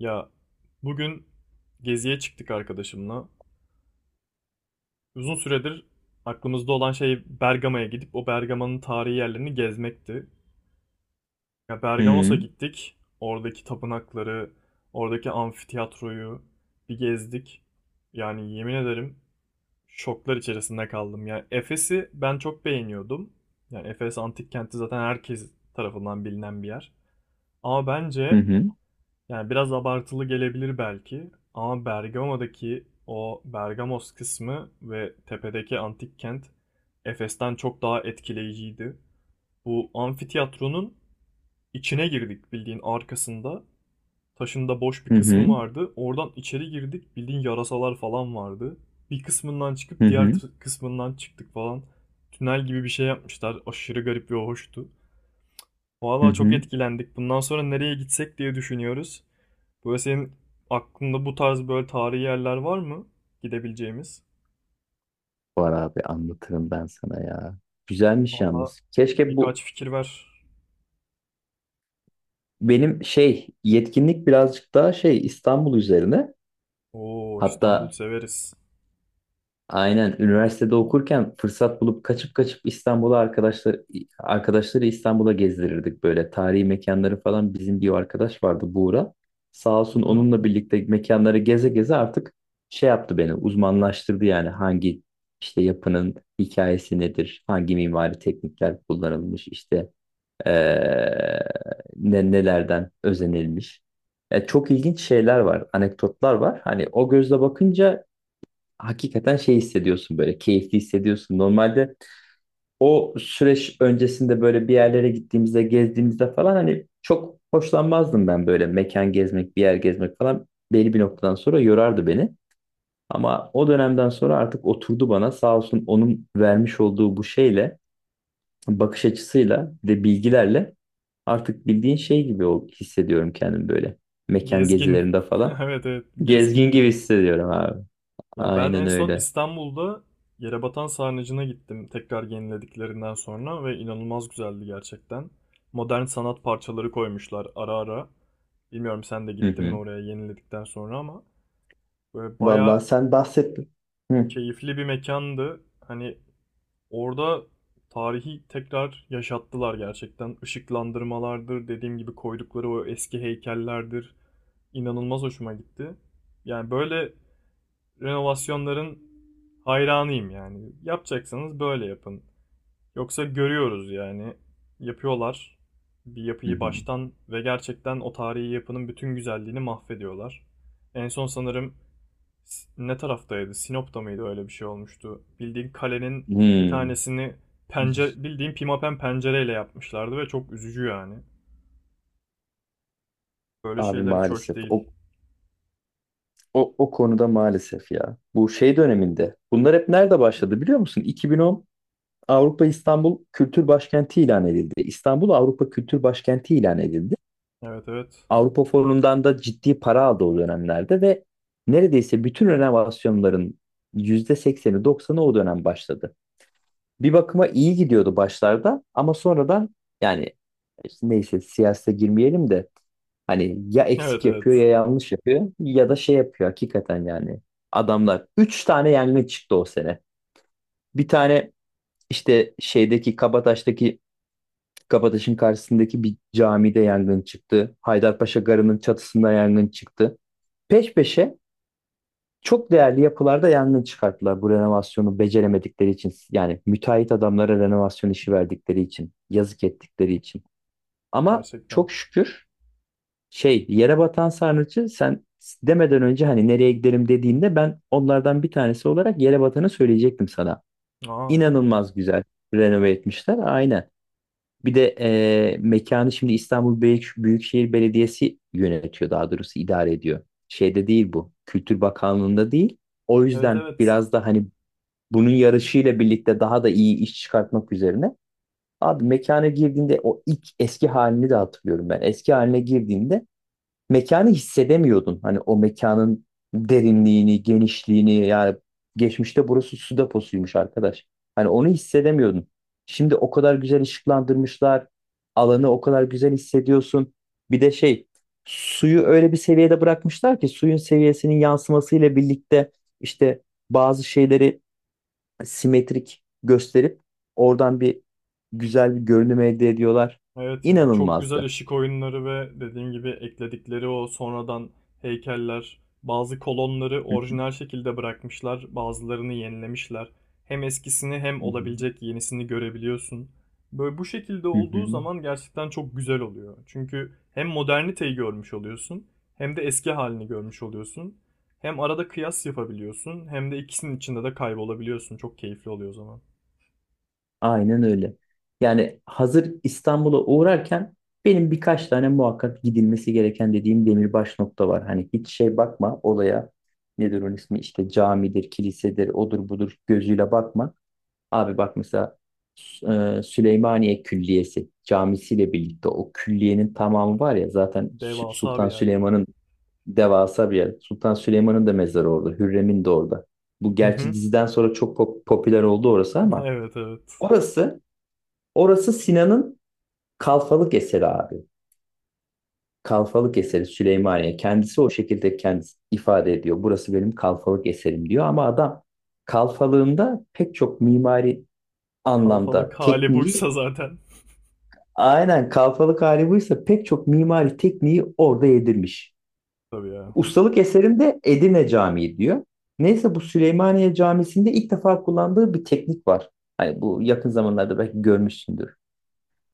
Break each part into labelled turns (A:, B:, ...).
A: Ya bugün geziye çıktık arkadaşımla. Uzun süredir aklımızda olan şey Bergama'ya gidip o Bergama'nın tarihi yerlerini gezmekti. Ya Bergamos'a
B: Hı
A: gittik. Oradaki tapınakları, oradaki amfitiyatroyu bir gezdik. Yani yemin ederim şoklar içerisinde kaldım. Yani Efes'i ben çok beğeniyordum. Yani Efes antik kenti zaten herkes tarafından bilinen bir yer. Ama
B: hı
A: bence
B: hı
A: Yani biraz abartılı gelebilir belki ama Bergama'daki o Bergamos kısmı ve tepedeki antik kent Efes'ten çok daha etkileyiciydi. Bu amfiteyatronun içine girdik bildiğin arkasında. Taşında boş bir
B: hı
A: kısmı
B: hı
A: vardı. Oradan içeri girdik bildiğin yarasalar falan vardı. Bir kısmından
B: hı
A: çıkıp
B: hı.
A: kısmından çıktık falan. Tünel gibi bir şey yapmışlar. Aşırı garip ve hoştu.
B: hı
A: Valla çok
B: hı.
A: etkilendik. Bundan sonra nereye gitsek diye düşünüyoruz. Böyle senin aklında bu tarz böyle tarihi yerler var mı gidebileceğimiz?
B: Var abi, anlatırım ben sana ya. Güzelmiş
A: Valla
B: yalnız. Keşke bu
A: birkaç fikir ver.
B: benim yetkinlik birazcık daha İstanbul üzerine.
A: Oo, İstanbul
B: Hatta
A: severiz.
B: Aynen, üniversitede okurken fırsat bulup kaçıp kaçıp İstanbul'a arkadaşları İstanbul'a gezdirirdik, böyle tarihi mekanları falan. Bizim bir arkadaş vardı, Buğra. Sağ
A: Hı
B: olsun,
A: hı.
B: onunla birlikte mekanları geze geze artık şey yaptı beni uzmanlaştırdı. Yani hangi yapının hikayesi nedir, hangi mimari teknikler kullanılmış, işte eee, nelerden özenilmiş. Çok ilginç şeyler var, anekdotlar var. Hani o gözle bakınca hakikaten hissediyorsun, böyle keyifli hissediyorsun. Normalde o süreç öncesinde böyle bir yerlere gittiğimizde, gezdiğimizde falan, hani çok hoşlanmazdım ben böyle mekan gezmek, bir yer gezmek falan. Belli bir noktadan sonra yorardı beni. Ama o dönemden sonra artık oturdu bana, sağ olsun, onun vermiş olduğu bu bakış açısıyla ve bilgilerle artık bildiğin hissediyorum kendimi böyle mekan
A: Gezgin.
B: gezilerinde falan.
A: Evet, evet, gezgin
B: Gezgin gibi
A: gibi.
B: hissediyorum abi.
A: Ya ben en
B: Aynen
A: son
B: öyle.
A: İstanbul'da Yerebatan Sarnıcı'na gittim tekrar yenilediklerinden sonra ve inanılmaz güzeldi gerçekten. Modern sanat parçaları koymuşlar ara ara. Bilmiyorum sen de
B: Hı
A: gittin mi
B: hı.
A: oraya yeniledikten sonra ama böyle
B: Vallahi
A: bayağı
B: sen bahsettin. Hı.
A: keyifli bir mekandı. Hani orada tarihi tekrar yaşattılar gerçekten. Işıklandırmalardır, dediğim gibi koydukları o eski heykellerdir. İnanılmaz hoşuma gitti. Yani böyle renovasyonların hayranıyım yani. Yapacaksanız böyle yapın. Yoksa görüyoruz yani. Yapıyorlar bir
B: Hı
A: yapıyı
B: hı.
A: baştan ve gerçekten o tarihi yapının bütün güzelliğini mahvediyorlar. En son sanırım ne taraftaydı? Sinop'ta mıydı öyle bir şey olmuştu? Bildiğin kalenin bir
B: Hmm.
A: tanesini pencere bildiğin pimapen pencereyle yapmışlardı ve çok üzücü yani. Böyle
B: Abi
A: şeyler hiç hoş
B: maalesef.
A: değil.
B: O konuda maalesef ya. Bu döneminde. Bunlar hep nerede başladı biliyor musun? 2010 Avrupa İstanbul Kültür Başkenti ilan edildi. İstanbul Avrupa Kültür Başkenti ilan edildi.
A: Evet, evet.
B: Avrupa Fonu'ndan da ciddi para aldı o dönemlerde ve neredeyse bütün renovasyonların %80'i 90'ı o dönem başladı. Bir bakıma iyi gidiyordu başlarda ama sonradan, yani neyse, siyasete girmeyelim de hani ya
A: Evet,
B: eksik
A: evet.
B: yapıyor, ya yanlış yapıyor, ya da şey yapıyor hakikaten yani. Adamlar 3 tane yangın çıktı o sene. Bir tane işte şeydeki Kabataş'taki Kabataş'ın karşısındaki bir camide yangın çıktı. Haydarpaşa Garı'nın çatısında yangın çıktı. Peş peşe çok değerli yapılarda yangın çıkarttılar bu renovasyonu beceremedikleri için. Yani müteahhit adamlara renovasyon işi verdikleri için, yazık ettikleri için. Ama
A: Gerçekten.
B: çok şükür, yere batan sarnıcı sen demeden önce, hani nereye gidelim dediğinde, ben onlardan bir tanesi olarak yere batanı söyleyecektim sana.
A: Aa.
B: İnanılmaz güzel renove etmişler. Aynen. Bir de mekanı şimdi İstanbul Büyükşehir Belediyesi yönetiyor, daha doğrusu idare ediyor. Şeyde değil bu. Kültür Bakanlığı'nda değil. O
A: Evet,
B: yüzden
A: evet.
B: biraz da hani bunun yarışıyla birlikte daha da iyi iş çıkartmak üzerine. Abi, mekana girdiğinde, o ilk eski halini de hatırlıyorum ben. Eski haline girdiğinde mekanı hissedemiyordun. Hani o mekanın derinliğini, genişliğini, yani geçmişte burası su deposuymuş arkadaş. Hani onu hissedemiyordun. Şimdi o kadar güzel ışıklandırmışlar. Alanı o kadar güzel hissediyorsun. Bir de suyu öyle bir seviyede bırakmışlar ki, suyun seviyesinin yansımasıyla birlikte işte bazı şeyleri simetrik gösterip oradan güzel bir görünüm elde ediyorlar.
A: Evet ya, çok güzel
B: İnanılmazdı.
A: ışık oyunları ve dediğim gibi ekledikleri o sonradan heykeller, bazı kolonları
B: Hı hı,
A: orijinal şekilde bırakmışlar, bazılarını yenilemişler. Hem eskisini hem olabilecek yenisini görebiliyorsun. Böyle bu şekilde
B: hı hı, hı
A: olduğu
B: hı.
A: zaman gerçekten çok güzel oluyor. Çünkü hem moderniteyi görmüş oluyorsun, hem de eski halini görmüş oluyorsun. Hem arada kıyas yapabiliyorsun, hem de ikisinin içinde de kaybolabiliyorsun. Çok keyifli oluyor o zaman.
B: Aynen öyle. Yani hazır İstanbul'a uğrarken, benim birkaç tane muhakkak gidilmesi gereken dediğim demirbaş nokta var. Hani hiç bakma olaya, nedir onun ismi, işte camidir, kilisedir, odur budur gözüyle bakma. Abi bak mesela, Süleymaniye Külliyesi camisiyle birlikte o külliyenin tamamı var ya zaten,
A: Devasa bir
B: Sultan
A: yer ya.
B: Süleyman'ın devasa bir yer. Sultan Süleyman'ın da mezarı orada, Hürrem'in de orada. Bu
A: Hı
B: gerçi
A: hı.
B: diziden sonra çok popüler oldu orası ama
A: Evet, evet.
B: orası Orası Sinan'ın kalfalık eseri abi. Kalfalık eseri Süleymaniye. Kendisi o şekilde kendisi ifade ediyor: burası benim kalfalık eserim diyor. Ama adam kalfalığında pek çok mimari
A: Kalfalık
B: anlamda
A: hali
B: tekniği,
A: buysa zaten.
B: aynen, kalfalık hali buysa pek çok mimari tekniği orada yedirmiş.
A: Tabii ya.
B: Ustalık eserinde Edirne Camii diyor. Neyse, bu Süleymaniye Camisi'nde ilk defa kullandığı bir teknik var. Hani bu yakın zamanlarda belki görmüşsündür.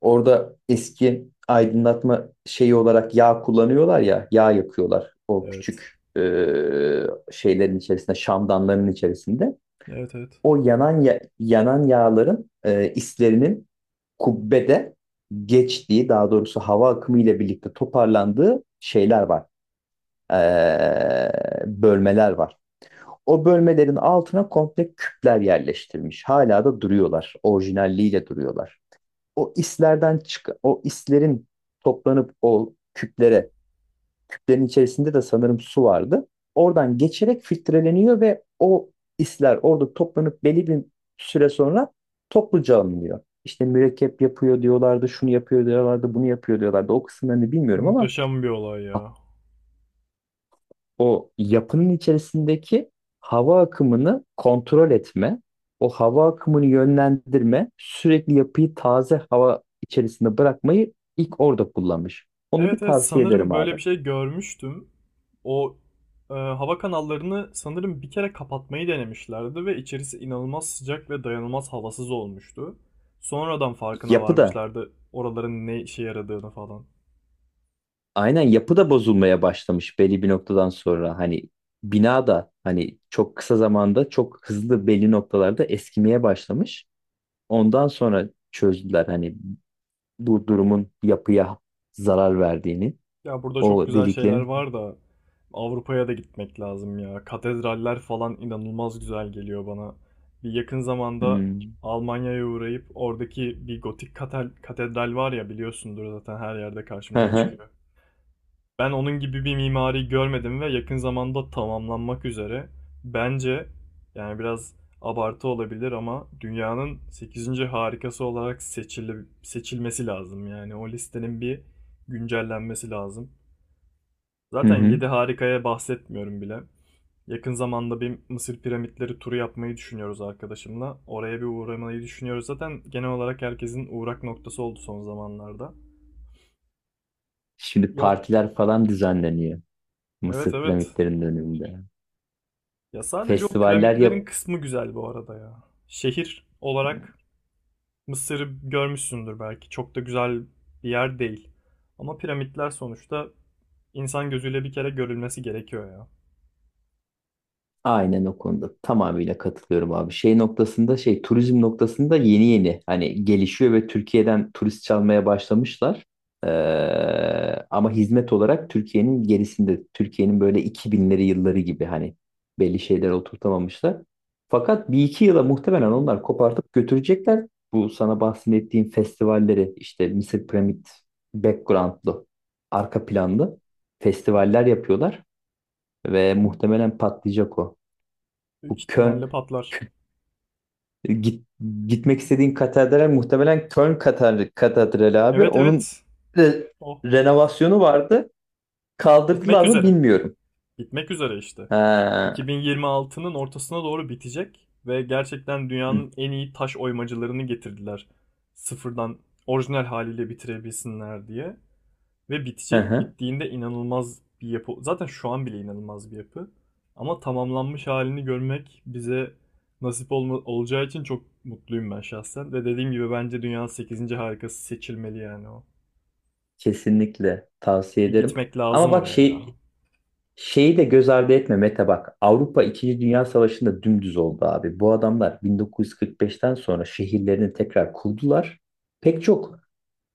B: Orada eski aydınlatma şeyi olarak yağ kullanıyorlar ya, yağ yakıyorlar o
A: Evet.
B: küçük şeylerin içerisinde, şamdanların içerisinde.
A: Evet, evet.
B: O yanan yanan yağların islerinin kubbede geçtiği, daha doğrusu hava akımı ile birlikte toparlandığı şeyler var, e, bölmeler var. O bölmelerin altına komple küpler yerleştirilmiş. Hala da duruyorlar, orijinalliğiyle duruyorlar. O islerden çıkan, o islerin toplanıp o küplere, küplerin içerisinde de sanırım su vardı. Oradan geçerek filtreleniyor ve o isler orada toplanıp belli bir süre sonra topluca alınıyor. İşte mürekkep yapıyor diyorlardı, şunu yapıyor diyorlardı, bunu yapıyor diyorlardı. O kısımlarını bilmiyorum ama
A: Muhteşem bir olay ya.
B: o yapının içerisindeki hava akımını kontrol etme, o hava akımını yönlendirme, sürekli yapıyı taze hava içerisinde bırakmayı ilk orada kullanmış. Onu bir
A: Evet, evet,
B: tavsiye
A: sanırım
B: ederim
A: böyle
B: abi.
A: bir şey görmüştüm. O hava kanallarını sanırım bir kere kapatmayı denemişlerdi ve içerisi inanılmaz sıcak ve dayanılmaz havasız olmuştu. Sonradan farkına
B: Yapı da
A: varmışlardı oraların ne işe yaradığını falan.
B: aynen yapı da bozulmaya başlamış belli bir noktadan sonra, hani bina da hani çok kısa zamanda çok hızlı belli noktalarda eskimeye başlamış. Ondan sonra çözdüler hani bu durumun yapıya zarar verdiğini,
A: Ya burada çok
B: o
A: güzel şeyler
B: deliklerin.
A: var da, Avrupa'ya da gitmek lazım ya. Katedraller falan inanılmaz güzel geliyor bana. Bir yakın zamanda
B: Hmm.
A: Almanya'ya uğrayıp oradaki bir gotik katedral var ya, biliyorsundur zaten, her yerde
B: Hı
A: karşımıza
B: hı.
A: çıkıyor. Ben onun gibi bir mimari görmedim ve yakın zamanda tamamlanmak üzere. Bence yani biraz abartı olabilir ama dünyanın sekizinci harikası olarak seçilmesi lazım. Yani o listenin bir güncellenmesi lazım.
B: Hı
A: Zaten
B: hı.
A: 7 harikaya bahsetmiyorum bile. Yakın zamanda bir Mısır piramitleri turu yapmayı düşünüyoruz arkadaşımla. Oraya bir uğramayı düşünüyoruz. Zaten genel olarak herkesin uğrak noktası oldu son zamanlarda.
B: Şimdi
A: Yo,
B: partiler falan düzenleniyor
A: evet,
B: Mısır
A: evet.
B: piramitlerinin önünde.
A: Ya sadece o
B: Festivaller yap.
A: piramitlerin kısmı güzel bu arada ya. Şehir olarak Mısır'ı görmüşsündür belki. Çok da güzel bir yer değil. Ama piramitler sonuçta insan gözüyle bir kere görülmesi gerekiyor ya.
B: Aynen, o konuda tamamıyla katılıyorum abi. Şey noktasında şey turizm noktasında yeni yeni hani gelişiyor ve Türkiye'den turist çalmaya başlamışlar. Ee, ama hizmet olarak Türkiye'nin gerisinde. Türkiye'nin böyle 2000'leri yılları gibi, hani belli şeyler oturtamamışlar. Fakat bir iki yıla muhtemelen onlar kopartıp götürecekler. Bu sana bahsettiğim festivalleri, işte Mısır Piramit background'lu arka planlı festivaller yapıyorlar ve muhtemelen patlayacak o.
A: Büyük
B: Bu Köln,
A: ihtimalle patlar.
B: e, git, gitmek istediğin katedral muhtemelen Köln katedrali abi.
A: Evet,
B: Onun
A: evet.
B: re-
A: O
B: renovasyonu vardı.
A: bitmek
B: Kaldırdılar mı
A: üzere.
B: bilmiyorum.
A: Bitmek üzere işte.
B: Ha.
A: 2026'nın ortasına doğru bitecek ve gerçekten
B: Hı,
A: dünyanın en iyi taş oymacılarını getirdiler. Sıfırdan orijinal haliyle bitirebilsinler diye. Ve
B: hı
A: bitecek.
B: hı.
A: Bittiğinde inanılmaz bir yapı. Zaten şu an bile inanılmaz bir yapı. Ama tamamlanmış halini görmek bize olacağı için çok mutluyum ben şahsen. Ve dediğim gibi bence dünyanın sekizinci harikası seçilmeli yani o.
B: Kesinlikle tavsiye
A: Bir
B: ederim.
A: gitmek
B: Ama
A: lazım
B: bak,
A: oraya ya.
B: şeyi de göz ardı etme Mete, bak. Avrupa 2. Dünya Savaşı'nda dümdüz oldu abi. Bu adamlar 1945'ten sonra şehirlerini tekrar kurdular. Pek çok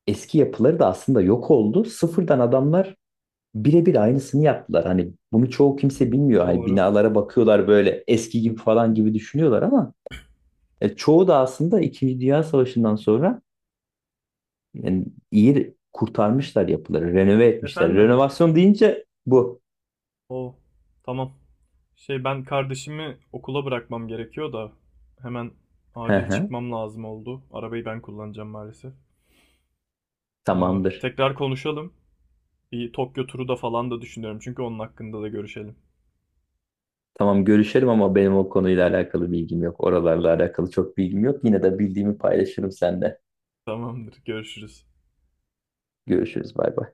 B: eski yapıları da aslında yok oldu. Sıfırdan adamlar birebir aynısını yaptılar. Hani bunu çoğu kimse bilmiyor. Hani
A: Doğru.
B: binalara bakıyorlar, böyle eski gibi falan gibi düşünüyorlar ama çoğu da aslında İkinci Dünya Savaşı'ndan sonra, yani iyi kurtarmışlar yapıları, renove etmişler.
A: Efendim,
B: Renovasyon deyince bu.
A: o tamam. Şey, ben kardeşimi okula bırakmam gerekiyor da hemen
B: Hı
A: acil
B: hı,
A: çıkmam lazım oldu. Arabayı ben kullanacağım maalesef. Aa,
B: tamamdır.
A: tekrar konuşalım. Bir Tokyo turu da falan da düşünüyorum, çünkü onun hakkında da görüşelim.
B: Tamam, görüşelim, ama benim o konuyla alakalı bilgim yok. Oralarla alakalı çok bilgim yok. Yine de bildiğimi paylaşırım seninle.
A: Tamamdır, görüşürüz.
B: Görüşürüz. Bay bay.